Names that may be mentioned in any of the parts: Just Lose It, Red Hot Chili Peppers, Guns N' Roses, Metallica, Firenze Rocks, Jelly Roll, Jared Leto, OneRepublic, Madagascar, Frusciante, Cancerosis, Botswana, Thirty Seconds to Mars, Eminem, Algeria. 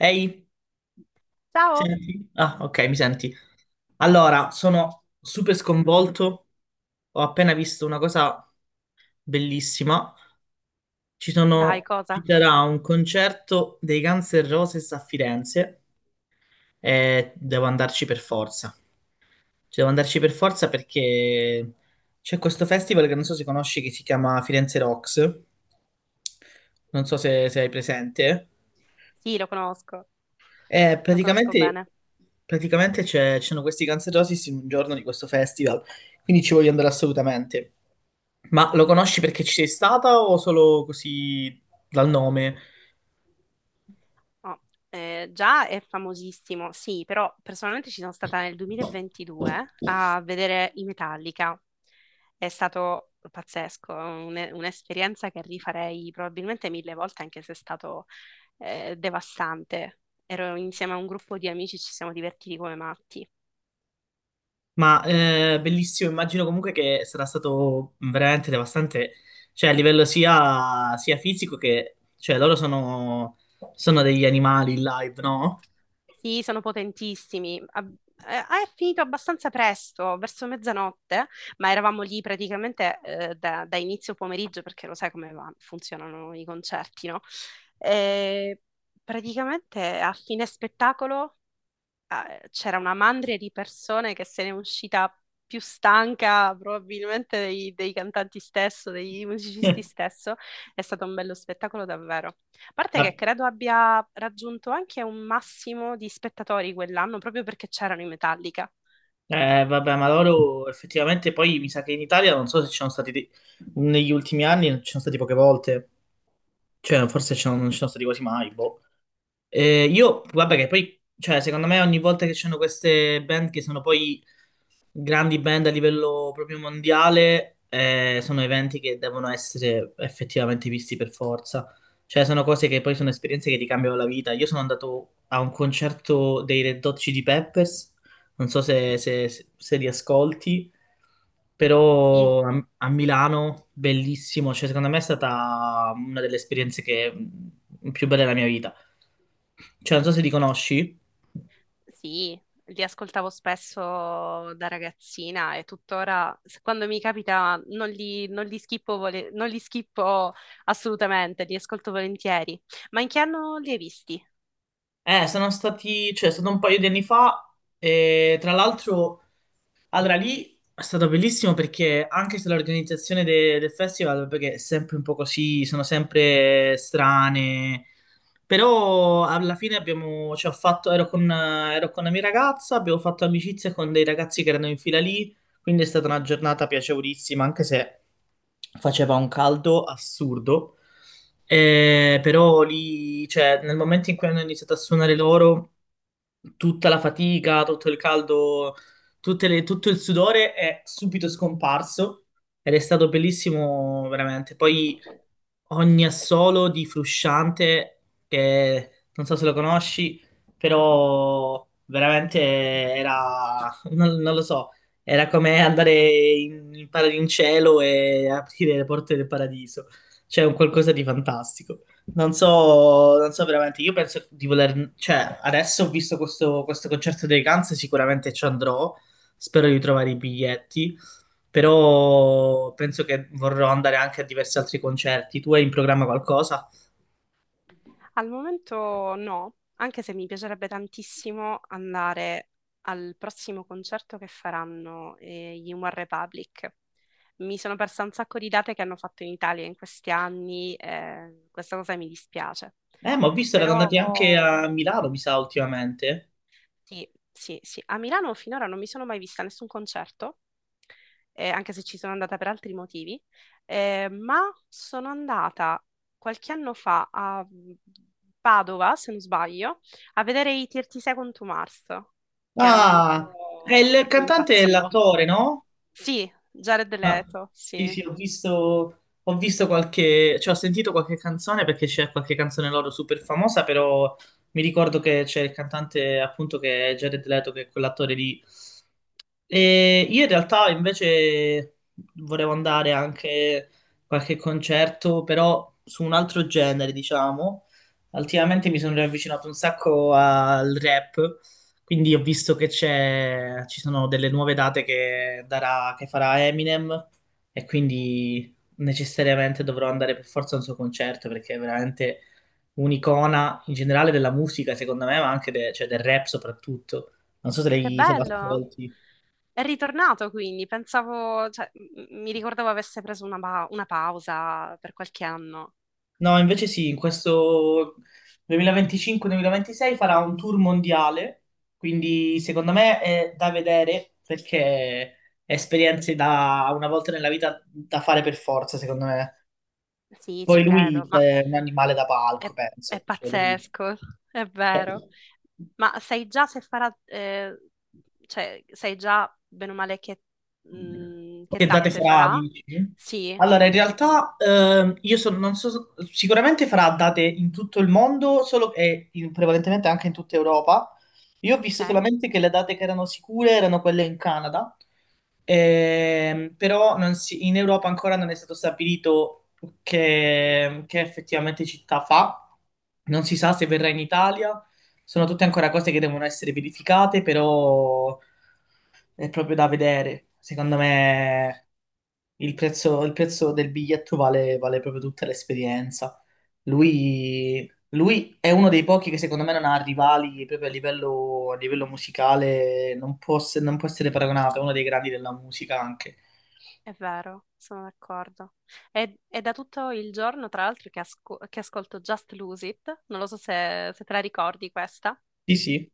Ehi, Ciao! senti? Ah, ok, mi senti. Allora, sono super sconvolto. Ho appena visto una cosa bellissima. Ci Dai, sono, ci cosa? sarà un concerto dei Guns N' Roses a Firenze e devo andarci per forza. Ci devo andarci per forza perché c'è questo festival che non so se conosci che si chiama Firenze Rocks. Non so se hai presente. Sì, Eh, lo conosco praticamente bene. praticamente c'erano questi Cancerosis in un giorno di questo festival, quindi ci voglio andare assolutamente. Ma lo conosci perché ci sei stata o solo così dal nome? Oh, già è famosissimo, sì, però personalmente ci sono stata nel 2022 a vedere i Metallica. È stato pazzesco, un'esperienza che rifarei probabilmente mille volte, anche se è stato devastante. Ero insieme a un gruppo di amici, ci siamo divertiti come matti. Ma bellissimo, immagino comunque che sarà stato veramente devastante, cioè a livello sia fisico che... cioè sono degli animali in live, no? Sì, sono potentissimi. È finito abbastanza presto, verso mezzanotte, ma eravamo lì praticamente da inizio pomeriggio, perché lo sai come funzionano i concerti, no? E praticamente a fine spettacolo c'era una mandria di persone che se ne è uscita più stanca probabilmente dei cantanti stesso, dei musicisti stesso. È stato un bello spettacolo davvero. A parte Ma che credo abbia raggiunto anche un massimo di spettatori quell'anno proprio perché c'erano i Metallica. Vabbè, ma loro effettivamente poi mi sa che in Italia non so se ci sono stati dei- negli ultimi anni, ci sono stati poche volte, cioè non ci sono stati quasi mai, boh. Io, vabbè, che poi, cioè, secondo me ogni volta che ci sono queste band che sono poi grandi band a livello proprio mondiale sono eventi che devono essere effettivamente visti per forza. Cioè, sono cose che poi sono esperienze che ti cambiano la vita. Io sono andato a un concerto dei Red Hot Chili Peppers, non so se li ascolti, Sì, però a Milano, bellissimo. Cioè, secondo me è stata una delle esperienze che più belle della mia vita. Cioè, non so se li conosci. sì, li ascoltavo spesso da ragazzina e tuttora quando mi capita non li schippo, non li schippo assolutamente, li ascolto volentieri. Ma in che anno li hai visti? È stato un paio di anni fa e tra l'altro allora, lì è stato bellissimo perché anche se l'organizzazione del festival, perché è sempre un po' così, sono sempre strane, però alla fine abbiamo, cioè, ho fatto, ero con la mia ragazza, abbiamo fatto amicizia con dei ragazzi che erano in fila lì, quindi è stata una giornata piacevolissima, anche se faceva un caldo assurdo. Però lì, cioè, nel momento in cui hanno iniziato a suonare loro tutta la fatica, tutto il caldo, tutto il sudore è subito scomparso ed è stato bellissimo veramente. Poi ogni assolo di Frusciante, che non so se lo conosci, però veramente era, non lo so, era come andare in cielo e aprire le porte del paradiso. Cioè, un qualcosa di fantastico. Non so veramente, io penso di voler, cioè adesso ho visto questo concerto dei Guns, sicuramente ci andrò, spero di trovare i biglietti, però penso che vorrò andare anche a diversi altri concerti. Tu hai in programma qualcosa? Al momento no, anche se mi piacerebbe tantissimo andare al prossimo concerto che faranno gli One Republic. Mi sono persa un sacco di date che hanno fatto in Italia in questi anni, questa cosa mi dispiace. Ma ho visto erano andati anche Però. a Milano, mi sa, ultimamente. Sì, sì, sì. A Milano finora non mi sono mai vista nessun concerto, anche se ci sono andata per altri motivi, ma sono andata qualche anno fa a Padova, se non sbaglio, a vedere i 30 Second to Mars, che era un Ah, è gruppo il per cui cantante e impazzivo. l'attore, no? Sì, Jared No. Leto, sì. Ho visto qualche, cioè ho sentito qualche canzone perché c'è qualche canzone loro super famosa, però mi ricordo che c'è il cantante appunto che è Jared Leto, che è quell'attore lì. E io in realtà invece volevo andare anche a qualche concerto, però su un altro genere, diciamo. Ultimamente mi sono riavvicinato un sacco al rap, quindi ho visto ci sono delle nuove date che farà Eminem e quindi necessariamente dovrò andare per forza a un suo concerto perché è veramente un'icona in generale della musica, secondo me, ma anche cioè del rap soprattutto. Non so se, Che lei, se lo bello! ascolti. È ritornato quindi, pensavo, cioè, mi ricordavo avesse preso una pausa per qualche anno. No, invece sì, in questo 2025-2026 farà un tour mondiale, quindi secondo me è da vedere perché è esperienze da una volta nella vita da fare per forza, secondo me. Sì, ci Poi lui credo, ma è un animale da È, palco, è penso. Pazzesco, è cioè, vero. Ma sai già se farà, cioè, sai già bene o male che Che date tappe farà, farà? dici? Sì, Allora, in realtà non so, sicuramente farà date in tutto il mondo, prevalentemente anche in tutta Europa. Io ho ok, visto solamente che le date che erano sicure erano quelle in Canada, però non si- in Europa ancora non è stato stabilito che effettivamente città fa. Non si sa se verrà in Italia, sono tutte ancora cose che devono essere verificate, però è proprio da vedere. Secondo me il prezzo del biglietto vale proprio tutta l'esperienza. Lui è uno dei pochi che secondo me non ha rivali proprio a livello musicale, non può essere paragonato, è uno dei grandi della musica anche. è vero, sono d'accordo. È da tutto il giorno, tra l'altro, che ascolto Just Lose It, non lo so se te la ricordi questa. Sì, sì,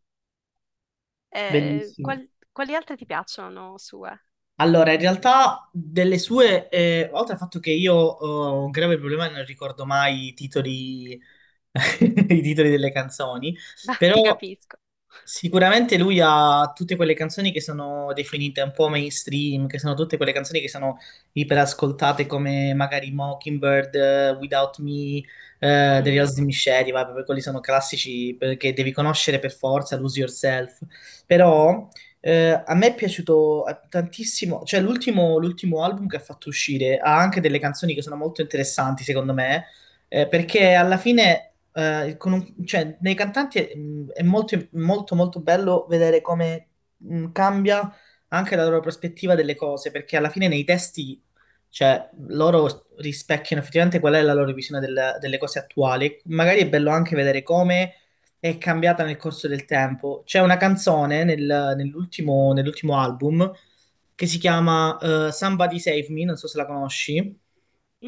Eh, bellissimo. qual- quali altre ti piacciono sue? Allora, in realtà delle sue, oltre al fatto che io ho un grave problema e non ricordo mai i titoli, i titoli delle canzoni, Ma ti però capisco. sicuramente lui ha tutte quelle canzoni che sono definite un po' mainstream, che sono tutte quelle canzoni che sono iperascoltate come magari Mockingbird, Without Me, The Real Slim Shady, vabbè, poi quelli sono classici che devi conoscere per forza, Lose Yourself. Però a me è piaciuto tantissimo, cioè l'ultimo album che ha fatto uscire ha anche delle canzoni che sono molto interessanti secondo me, perché alla fine cioè, nei cantanti è molto, molto, molto bello vedere come cambia anche la loro prospettiva delle cose, perché alla fine nei testi, cioè, loro rispecchiano effettivamente qual è la loro visione delle cose attuali. Magari è bello anche vedere come è cambiata nel corso del tempo. C'è una canzone nell'ultimo album che si chiama Somebody Save Me, non so se la conosci.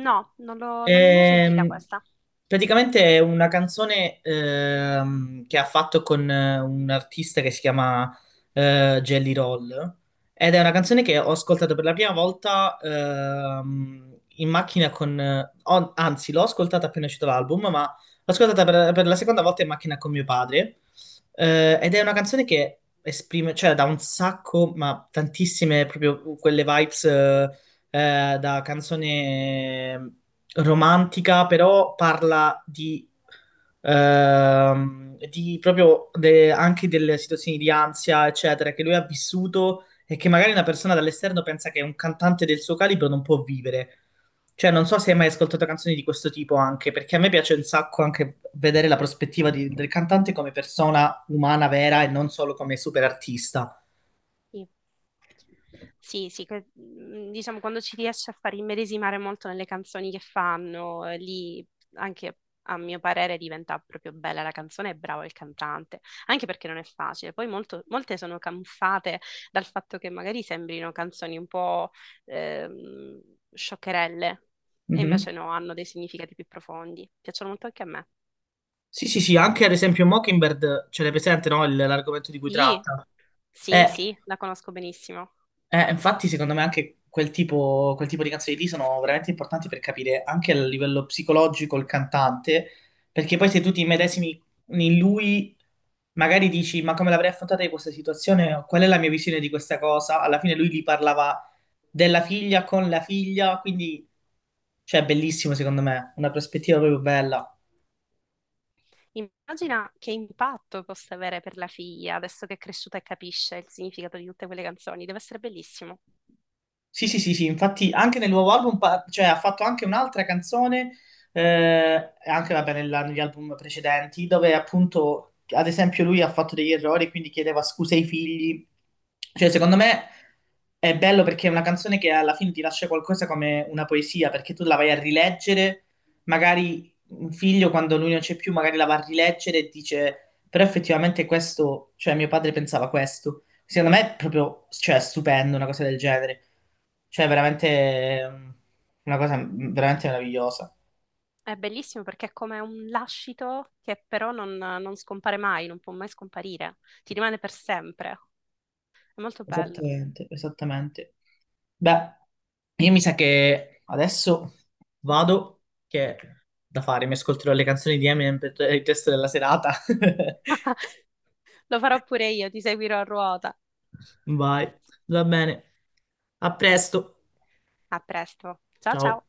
No, non l'ho mai sentita Ehm, questa. praticamente è una canzone che ha fatto con un artista che si chiama Jelly Roll ed è una canzone che ho ascoltato per la prima volta in macchina con... ho- anzi, l'ho ascoltata appena uscito l'album, ma l'ho ascoltata per la seconda volta in macchina con mio padre. Ed è una canzone che esprime, cioè da un sacco, ma tantissime proprio quelle vibes... da canzone romantica, però parla di anche delle situazioni di ansia, eccetera, che lui ha vissuto e che magari una persona dall'esterno pensa che un cantante del suo calibro non può vivere. Cioè, non so se hai mai ascoltato canzoni di questo tipo anche, perché a me piace un sacco anche vedere la prospettiva del cantante come persona umana vera e non solo come super artista. Sì, sì, sì, diciamo quando ci riesce a far immedesimare molto nelle canzoni che fanno, lì anche a mio parere diventa proprio bella la canzone e bravo il cantante, anche perché non è facile. Poi molte sono camuffate dal fatto che magari sembrino canzoni un po' ehm, scioccherelle e invece Mhm. no, hanno dei significati più profondi. Piacciono molto anche a me. Sì, sì, sì, anche ad esempio Mockingbird ce l'hai presente, no? L'argomento di cui Sì, tratta. sì, Eh, sì, la conosco benissimo. Infatti, secondo me anche quel tipo di canzoni lì sono veramente importanti per capire anche a livello psicologico il cantante, perché poi se tu ti medesimi in lui, magari dici, ma come l'avrei affrontata io questa situazione? Qual è la mia visione di questa cosa? Alla fine lui gli parlava della figlia con la figlia, quindi, cioè, bellissimo secondo me, una prospettiva proprio bella. Immagina che impatto possa avere per la figlia adesso che è cresciuta e capisce il significato di tutte quelle canzoni. Deve essere bellissimo. Sì, sì, sì, sì, infatti anche nel nuovo album, cioè ha fatto anche un'altra canzone, eh, e anche vabbè, negli album precedenti, dove appunto, ad esempio, lui ha fatto degli errori, quindi chiedeva scuse ai figli. Cioè, secondo me è bello perché è una canzone che alla fine ti lascia qualcosa come una poesia, perché tu la vai a rileggere, magari un figlio quando lui non c'è più, magari la va a rileggere e dice, però effettivamente questo, cioè mio padre pensava questo. Secondo me è proprio, cioè, stupendo una cosa del genere. Cioè, veramente una cosa veramente meravigliosa. È bellissimo perché è come un lascito che però non scompare mai, non può mai scomparire. Ti rimane per sempre. È molto bello. Esattamente, esattamente. Beh, io mi sa che adesso vado, che ho da fare, mi ascolterò le canzoni di Eminem per il resto della serata. Lo farò pure io, ti seguirò a ruota. Vai, va bene. A presto. A presto. Ciao Ciao. ciao.